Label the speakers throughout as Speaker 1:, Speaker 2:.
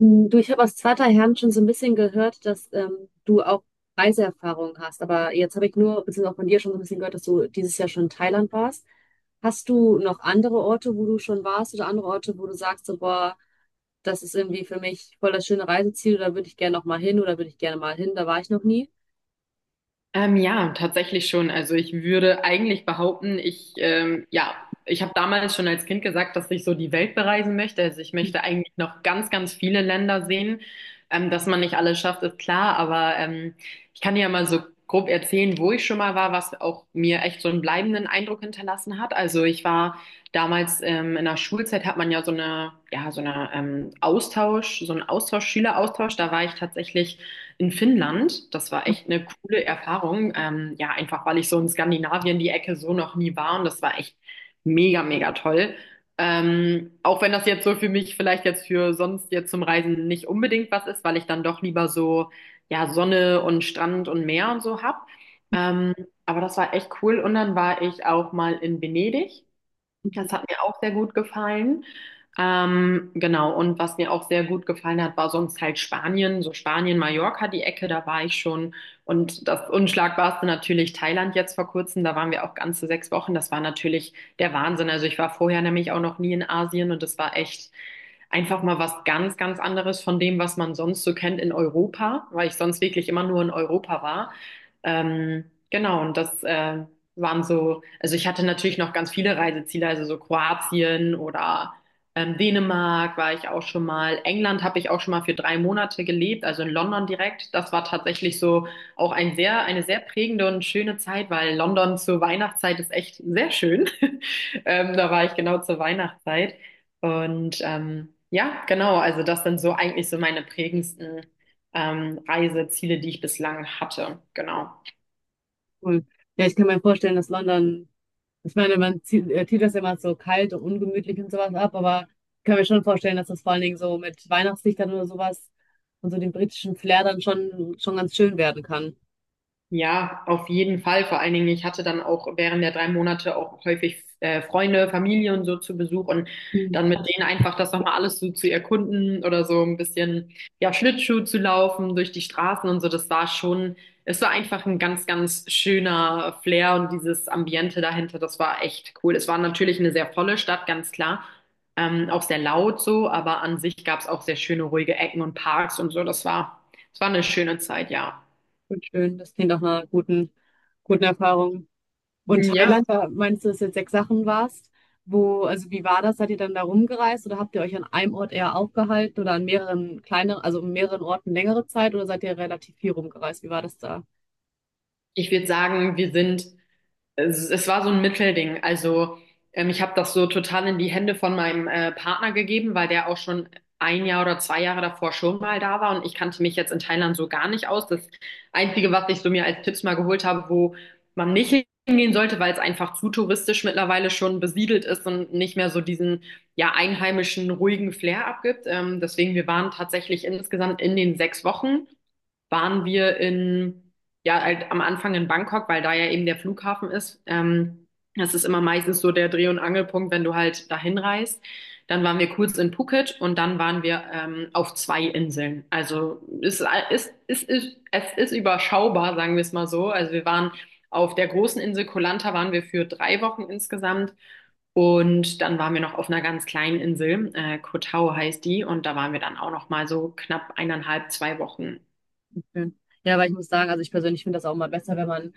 Speaker 1: Du, ich habe aus zweiter Hand schon so ein bisschen gehört, dass du auch Reiseerfahrung hast. Aber jetzt habe ich nur, beziehungsweise auch von dir schon so ein bisschen gehört, dass du dieses Jahr schon in Thailand warst. Hast du noch andere Orte, wo du schon warst oder andere Orte, wo du sagst, so, boah, das ist irgendwie für mich voll das schöne Reiseziel, da würde ich gerne noch mal hin oder würde ich gerne mal hin, da war ich noch nie?
Speaker 2: Ja, tatsächlich schon. Also ich würde eigentlich behaupten, ja, ich habe damals schon als Kind gesagt, dass ich so die Welt bereisen möchte. Also ich möchte eigentlich noch ganz, ganz viele Länder sehen. Dass man nicht alles schafft, ist klar, aber ich kann dir ja mal so grob erzählen, wo ich schon mal war, was auch mir echt so einen bleibenden Eindruck hinterlassen hat. Also ich war damals in der Schulzeit hat man ja, so eine Austausch, so einen Austausch, Schüleraustausch. Da war ich tatsächlich in Finnland. Das war echt eine coole Erfahrung. Ja, einfach weil ich so in Skandinavien die Ecke so noch nie war und das war echt mega, mega toll. Auch wenn das jetzt so für mich vielleicht jetzt für sonst jetzt zum Reisen nicht unbedingt was ist, weil ich dann doch lieber so, ja, Sonne und Strand und Meer und so hab. Ähm, aber das war echt cool. Und dann war ich auch mal in Venedig. Das
Speaker 1: Mhm.
Speaker 2: hat mir auch sehr gut gefallen. Genau, und was mir auch sehr gut gefallen hat, war sonst halt Spanien, so Spanien, Mallorca, die Ecke, da war ich schon. Und das Unschlagbarste natürlich Thailand jetzt vor kurzem, da waren wir auch ganze 6 Wochen. Das war natürlich der Wahnsinn. Also ich war vorher nämlich auch noch nie in Asien und das war echt einfach mal was ganz, ganz anderes von dem, was man sonst so kennt in Europa, weil ich sonst wirklich immer nur in Europa war. Genau, und das waren so, also ich hatte natürlich noch ganz viele Reiseziele, also so Kroatien oder Dänemark war ich auch schon mal. England habe ich auch schon mal für 3 Monate gelebt, also in London direkt. Das war tatsächlich so auch ein sehr, eine sehr prägende und schöne Zeit, weil London zur Weihnachtszeit ist echt sehr schön. Da war ich genau zur Weihnachtszeit. Und ja, genau, also das sind so eigentlich so meine prägendsten Reiseziele, die ich bislang hatte. Genau.
Speaker 1: Cool. Ja, ich kann mir vorstellen, dass London. Ich meine, man zieht, tut das ja immer so kalt und ungemütlich und sowas ab, aber ich kann mir schon vorstellen, dass das vor allen Dingen so mit Weihnachtslichtern oder sowas und so dem britischen Flair dann schon ganz schön werden kann.
Speaker 2: Ja, auf jeden Fall. Vor allen Dingen, ich hatte dann auch während der 3 Monate auch häufig Freunde, Familie und so zu Besuch und
Speaker 1: Mhm.
Speaker 2: dann mit denen einfach das nochmal alles so zu erkunden oder so ein bisschen, ja, Schlittschuh zu laufen durch die Straßen und so. Das war schon, es war einfach ein ganz, ganz schöner Flair und dieses Ambiente dahinter, das war echt cool. Es war natürlich eine sehr volle Stadt, ganz klar. Auch sehr laut so, aber an sich gab es auch sehr schöne, ruhige Ecken und Parks und so. Das war eine schöne Zeit, ja.
Speaker 1: Und schön, das klingt nach einer guten, guten Erfahrung. Und
Speaker 2: Mhm, ja.
Speaker 1: Thailand, da meinst du, dass du jetzt sechs Sachen warst? Wo, also wie war das? Seid ihr dann da rumgereist oder habt ihr euch an einem Ort eher aufgehalten oder an mehreren kleineren, also an mehreren Orten längere Zeit oder seid ihr relativ viel rumgereist? Wie war das da?
Speaker 2: Ich würde sagen, wir sind, es war so ein Mittelding. Also ich habe das so total in die Hände von meinem Partner gegeben, weil der auch schon ein Jahr oder 2 Jahre davor schon mal da war und ich kannte mich jetzt in Thailand so gar nicht aus. Das Einzige, was ich so mir als Tipps mal geholt habe, wo man nicht hingehen sollte, weil es einfach zu touristisch mittlerweile schon besiedelt ist und nicht mehr so diesen ja einheimischen ruhigen Flair abgibt. Deswegen, wir waren tatsächlich insgesamt in den 6 Wochen waren wir in, ja, halt am Anfang in Bangkok, weil da ja eben der Flughafen ist. Das ist immer meistens so der Dreh- und Angelpunkt, wenn du halt dahin reist. Dann waren wir kurz in Phuket und dann waren wir auf zwei Inseln. Also es ist überschaubar, sagen wir es mal so. Also wir waren auf der großen Insel Koh Lanta waren wir für 3 Wochen insgesamt. Und dann waren wir noch auf einer ganz kleinen Insel, Koh Tao heißt die, und da waren wir dann auch noch mal so knapp 1,5, 2 Wochen.
Speaker 1: Schön. Ja, weil ich muss sagen, also ich persönlich finde das auch mal besser, wenn man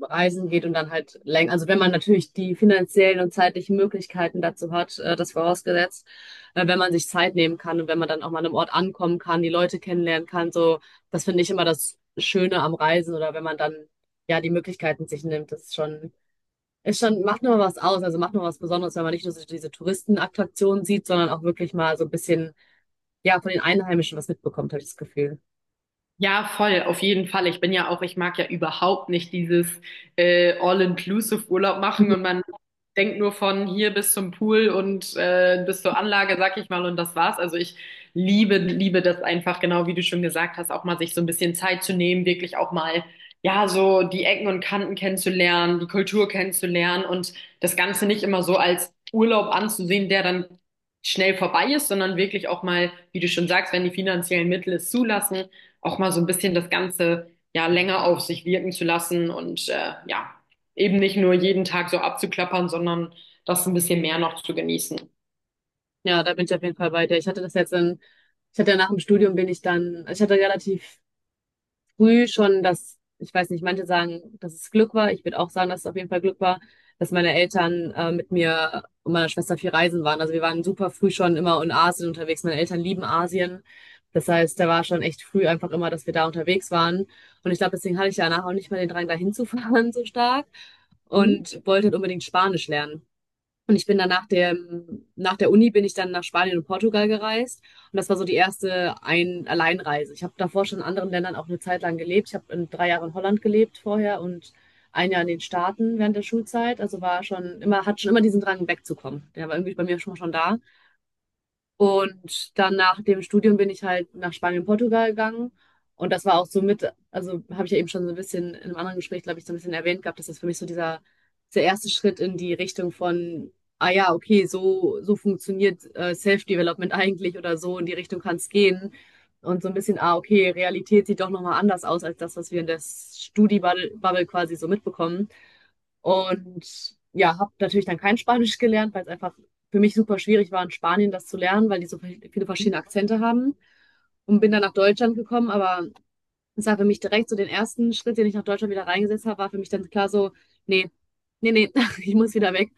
Speaker 1: reisen geht und dann halt länger, also wenn man natürlich die finanziellen und zeitlichen Möglichkeiten dazu hat, das vorausgesetzt, wenn man sich Zeit nehmen kann und wenn man dann auch mal an einem Ort ankommen kann, die Leute kennenlernen kann, so, das finde ich immer das Schöne am Reisen oder wenn man dann ja die Möglichkeiten sich nimmt, das ist schon, macht nur was aus, also macht nur was Besonderes, wenn man nicht nur so diese Touristenattraktionen sieht, sondern auch wirklich mal so ein bisschen, ja, von den Einheimischen was mitbekommt, habe ich das Gefühl.
Speaker 2: Ja, voll, auf jeden Fall. Ich bin ja auch, ich mag ja überhaupt nicht dieses All-Inclusive-Urlaub machen und man denkt nur von hier bis zum Pool und bis zur Anlage, sag ich mal, und das war's. Also ich liebe, liebe das einfach, genau wie du schon gesagt hast, auch mal sich so ein bisschen Zeit zu nehmen, wirklich auch mal, ja, so die Ecken und Kanten kennenzulernen, die Kultur kennenzulernen und das Ganze nicht immer so als Urlaub anzusehen, der dann schnell vorbei ist, sondern wirklich auch mal, wie du schon sagst, wenn die finanziellen Mittel es zulassen auch mal so ein bisschen das Ganze ja länger auf sich wirken zu lassen und ja, eben nicht nur jeden Tag so abzuklappern, sondern das ein bisschen mehr noch zu genießen.
Speaker 1: Ja, da bin ich auf jeden Fall bei dir. Ich hatte das jetzt in, Ich hatte ja nach dem Studium bin ich dann, also ich hatte relativ früh schon das, ich weiß nicht, manche sagen, dass es Glück war. Ich würde auch sagen, dass es auf jeden Fall Glück war, dass meine Eltern mit mir und meiner Schwester viel reisen waren. Also wir waren super früh schon immer in Asien unterwegs. Meine Eltern lieben Asien. Das heißt, da war schon echt früh einfach immer, dass wir da unterwegs waren. Und ich glaube, deswegen hatte ich danach auch nicht mehr den Drang, da hinzufahren so stark
Speaker 2: Mhm.
Speaker 1: und wollte halt unbedingt Spanisch lernen. Und ich bin dann nach der Uni bin ich dann nach Spanien und Portugal gereist. Und das war so die erste Ein Alleinreise. Ich habe davor schon in anderen Ländern auch eine Zeit lang gelebt. Ich habe in 3 Jahren in Holland gelebt vorher und ein Jahr in den Staaten während der Schulzeit. Also war schon immer, hat schon immer diesen Drang, wegzukommen. Der war irgendwie bei mir schon da. Und dann nach dem Studium bin ich halt nach Spanien, Portugal gegangen. Und das war auch so mit, also habe ich ja eben schon so ein bisschen in einem anderen Gespräch, glaube ich, so ein bisschen erwähnt gehabt, dass das für mich so dieser, der erste Schritt in die Richtung von, ah ja, okay, so funktioniert Self-Development eigentlich oder so, in die Richtung kann es gehen. Und so ein bisschen, ah, okay, Realität sieht doch nochmal anders aus als das, was wir in der Studi-Bubble quasi so mitbekommen. Und ja, habe natürlich dann kein Spanisch gelernt, weil es einfach für mich super schwierig war, in Spanien das zu lernen, weil die so viele verschiedene Akzente haben. Und bin dann nach Deutschland gekommen, aber es war für mich direkt so den ersten Schritt, den ich nach Deutschland wieder reingesetzt habe, war für mich dann klar so, nee, nee, nee, ich muss wieder weg.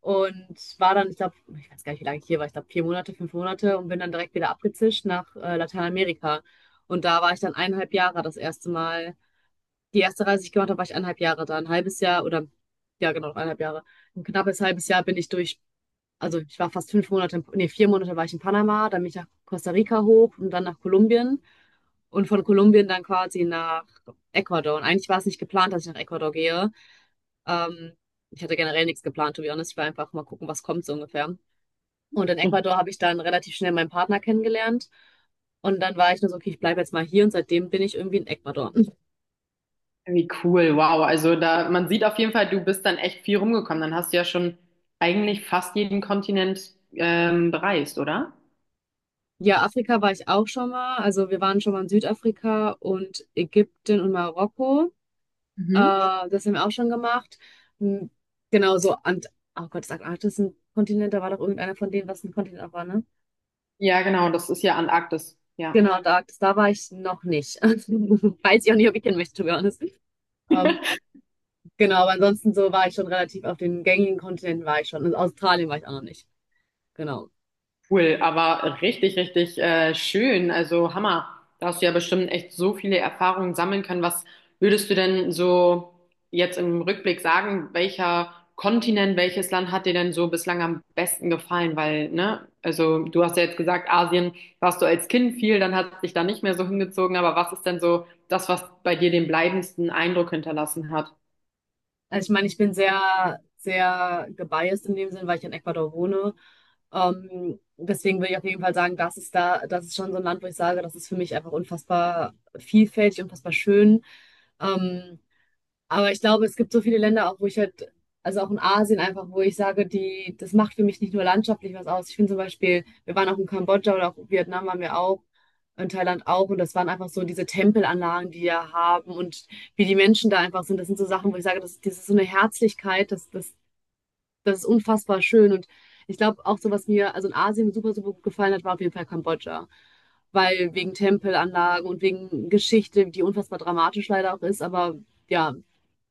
Speaker 1: Und war dann, ich glaube, ich weiß gar nicht, wie lange ich hier war, ich glaube 4 Monate, 5 Monate und bin dann direkt wieder abgezischt nach Lateinamerika. Und da war ich dann 1,5 Jahre das erste Mal die erste Reise, die ich gemacht habe, war ich 1,5 Jahre da. Ein halbes Jahr oder, ja genau, 1,5 Jahre. Ein knappes halbes Jahr bin ich durch, also ich war fast 5 Monate, 4 Monate war ich in Panama, dann bin ich nach Costa Rica hoch und dann nach Kolumbien und von Kolumbien dann quasi nach Ecuador. Und eigentlich war es nicht geplant, dass ich nach Ecuador gehe. Ähm, ich hatte generell nichts geplant, to be honest. Ich war einfach mal gucken, was kommt so ungefähr. Und in Ecuador habe ich dann relativ schnell meinen Partner kennengelernt. Und dann war ich nur so, okay, ich bleibe jetzt mal hier und seitdem bin ich irgendwie in Ecuador.
Speaker 2: Wie cool, wow. Also da, man sieht auf jeden Fall, du bist dann echt viel rumgekommen. Dann hast du ja schon eigentlich fast jeden Kontinent bereist, oder?
Speaker 1: Ja, Afrika war ich auch schon mal. Also wir waren schon mal in Südafrika und Ägypten und Marokko. Äh,
Speaker 2: Mhm.
Speaker 1: das haben wir auch schon gemacht. Hm, Genau so. Und, oh Gott, das Arktis ist ein Kontinent. Da war doch irgendeiner von denen, was ein Kontinent auch war, ne?
Speaker 2: Ja, genau, das ist ja Antarktis. Ja.
Speaker 1: Genau, da war ich noch nicht. Weiß ich auch nicht, ob ich hin möchte, to be honest. Ähm, genau, aber ansonsten so war ich schon relativ auf den gängigen Kontinenten war ich schon. In Australien war ich auch noch nicht. Genau.
Speaker 2: Cool, aber richtig, richtig schön. Also Hammer. Da hast du ja bestimmt echt so viele Erfahrungen sammeln können. Was würdest du denn so jetzt im Rückblick sagen, welcher Kontinent, welches Land hat dir denn so bislang am besten gefallen? Weil, ne, also du hast ja jetzt gesagt, Asien warst du als Kind viel, dann hat dich da nicht mehr so hingezogen. Aber was ist denn so das, was bei dir den bleibendsten Eindruck hinterlassen hat?
Speaker 1: Also ich meine, ich bin sehr, sehr gebiased in dem Sinn, weil ich in Ecuador wohne. Deswegen würde ich auf jeden Fall sagen, das ist da, das ist schon so ein Land, wo ich sage, das ist für mich einfach unfassbar vielfältig, unfassbar schön. Ähm, aber ich glaube, es gibt so viele Länder auch, wo ich halt, also auch in Asien einfach, wo ich sage, die, das macht für mich nicht nur landschaftlich was aus. Ich finde zum Beispiel, wir waren auch in Kambodscha oder auch in Vietnam waren wir auch, in Thailand auch, und das waren einfach so diese Tempelanlagen, die wir haben und wie die Menschen da einfach sind. Das sind so Sachen, wo ich sage, das, das ist so eine Herzlichkeit, das ist unfassbar schön. Und ich glaube auch so, was mir also in Asien super, super gut gefallen hat, war auf jeden Fall Kambodscha. Weil wegen Tempelanlagen und wegen Geschichte, die unfassbar dramatisch leider auch ist, aber ja,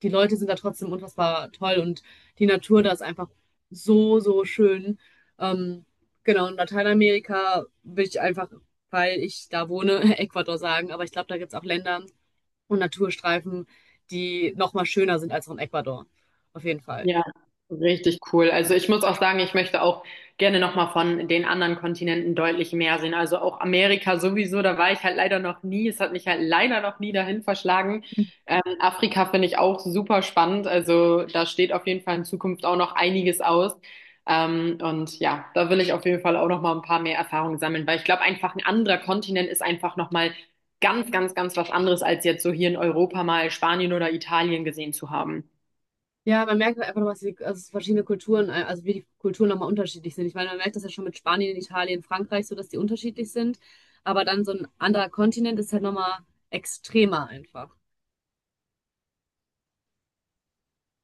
Speaker 1: die Leute sind da trotzdem unfassbar toll und die Natur da ist einfach so, so schön. Ähm, genau, in Lateinamerika will ich einfach, weil ich da wohne, Ecuador sagen, aber ich glaube, da gibt es auch Länder und Naturstreifen, die noch mal schöner sind als auch in Ecuador. Auf jeden Fall.
Speaker 2: Ja, richtig cool. Also ich muss auch sagen, ich möchte auch gerne nochmal von den anderen Kontinenten deutlich mehr sehen. Also auch Amerika sowieso, da war ich halt leider noch nie. Es hat mich halt leider noch nie dahin verschlagen. Afrika finde ich auch super spannend. Also da steht auf jeden Fall in Zukunft auch noch einiges aus. Und ja, da will ich auf jeden Fall auch nochmal ein paar mehr Erfahrungen sammeln, weil ich glaube, einfach ein anderer Kontinent ist einfach nochmal ganz, ganz, ganz was anderes, als jetzt so hier in Europa mal Spanien oder Italien gesehen zu haben.
Speaker 1: Ja, man merkt halt einfach, was die, also verschiedene Kulturen, also wie die Kulturen nochmal unterschiedlich sind. Ich meine, man merkt das ja schon mit Spanien, Italien, Frankreich, so dass die unterschiedlich sind. Aber dann so ein anderer Kontinent ist halt nochmal extremer einfach.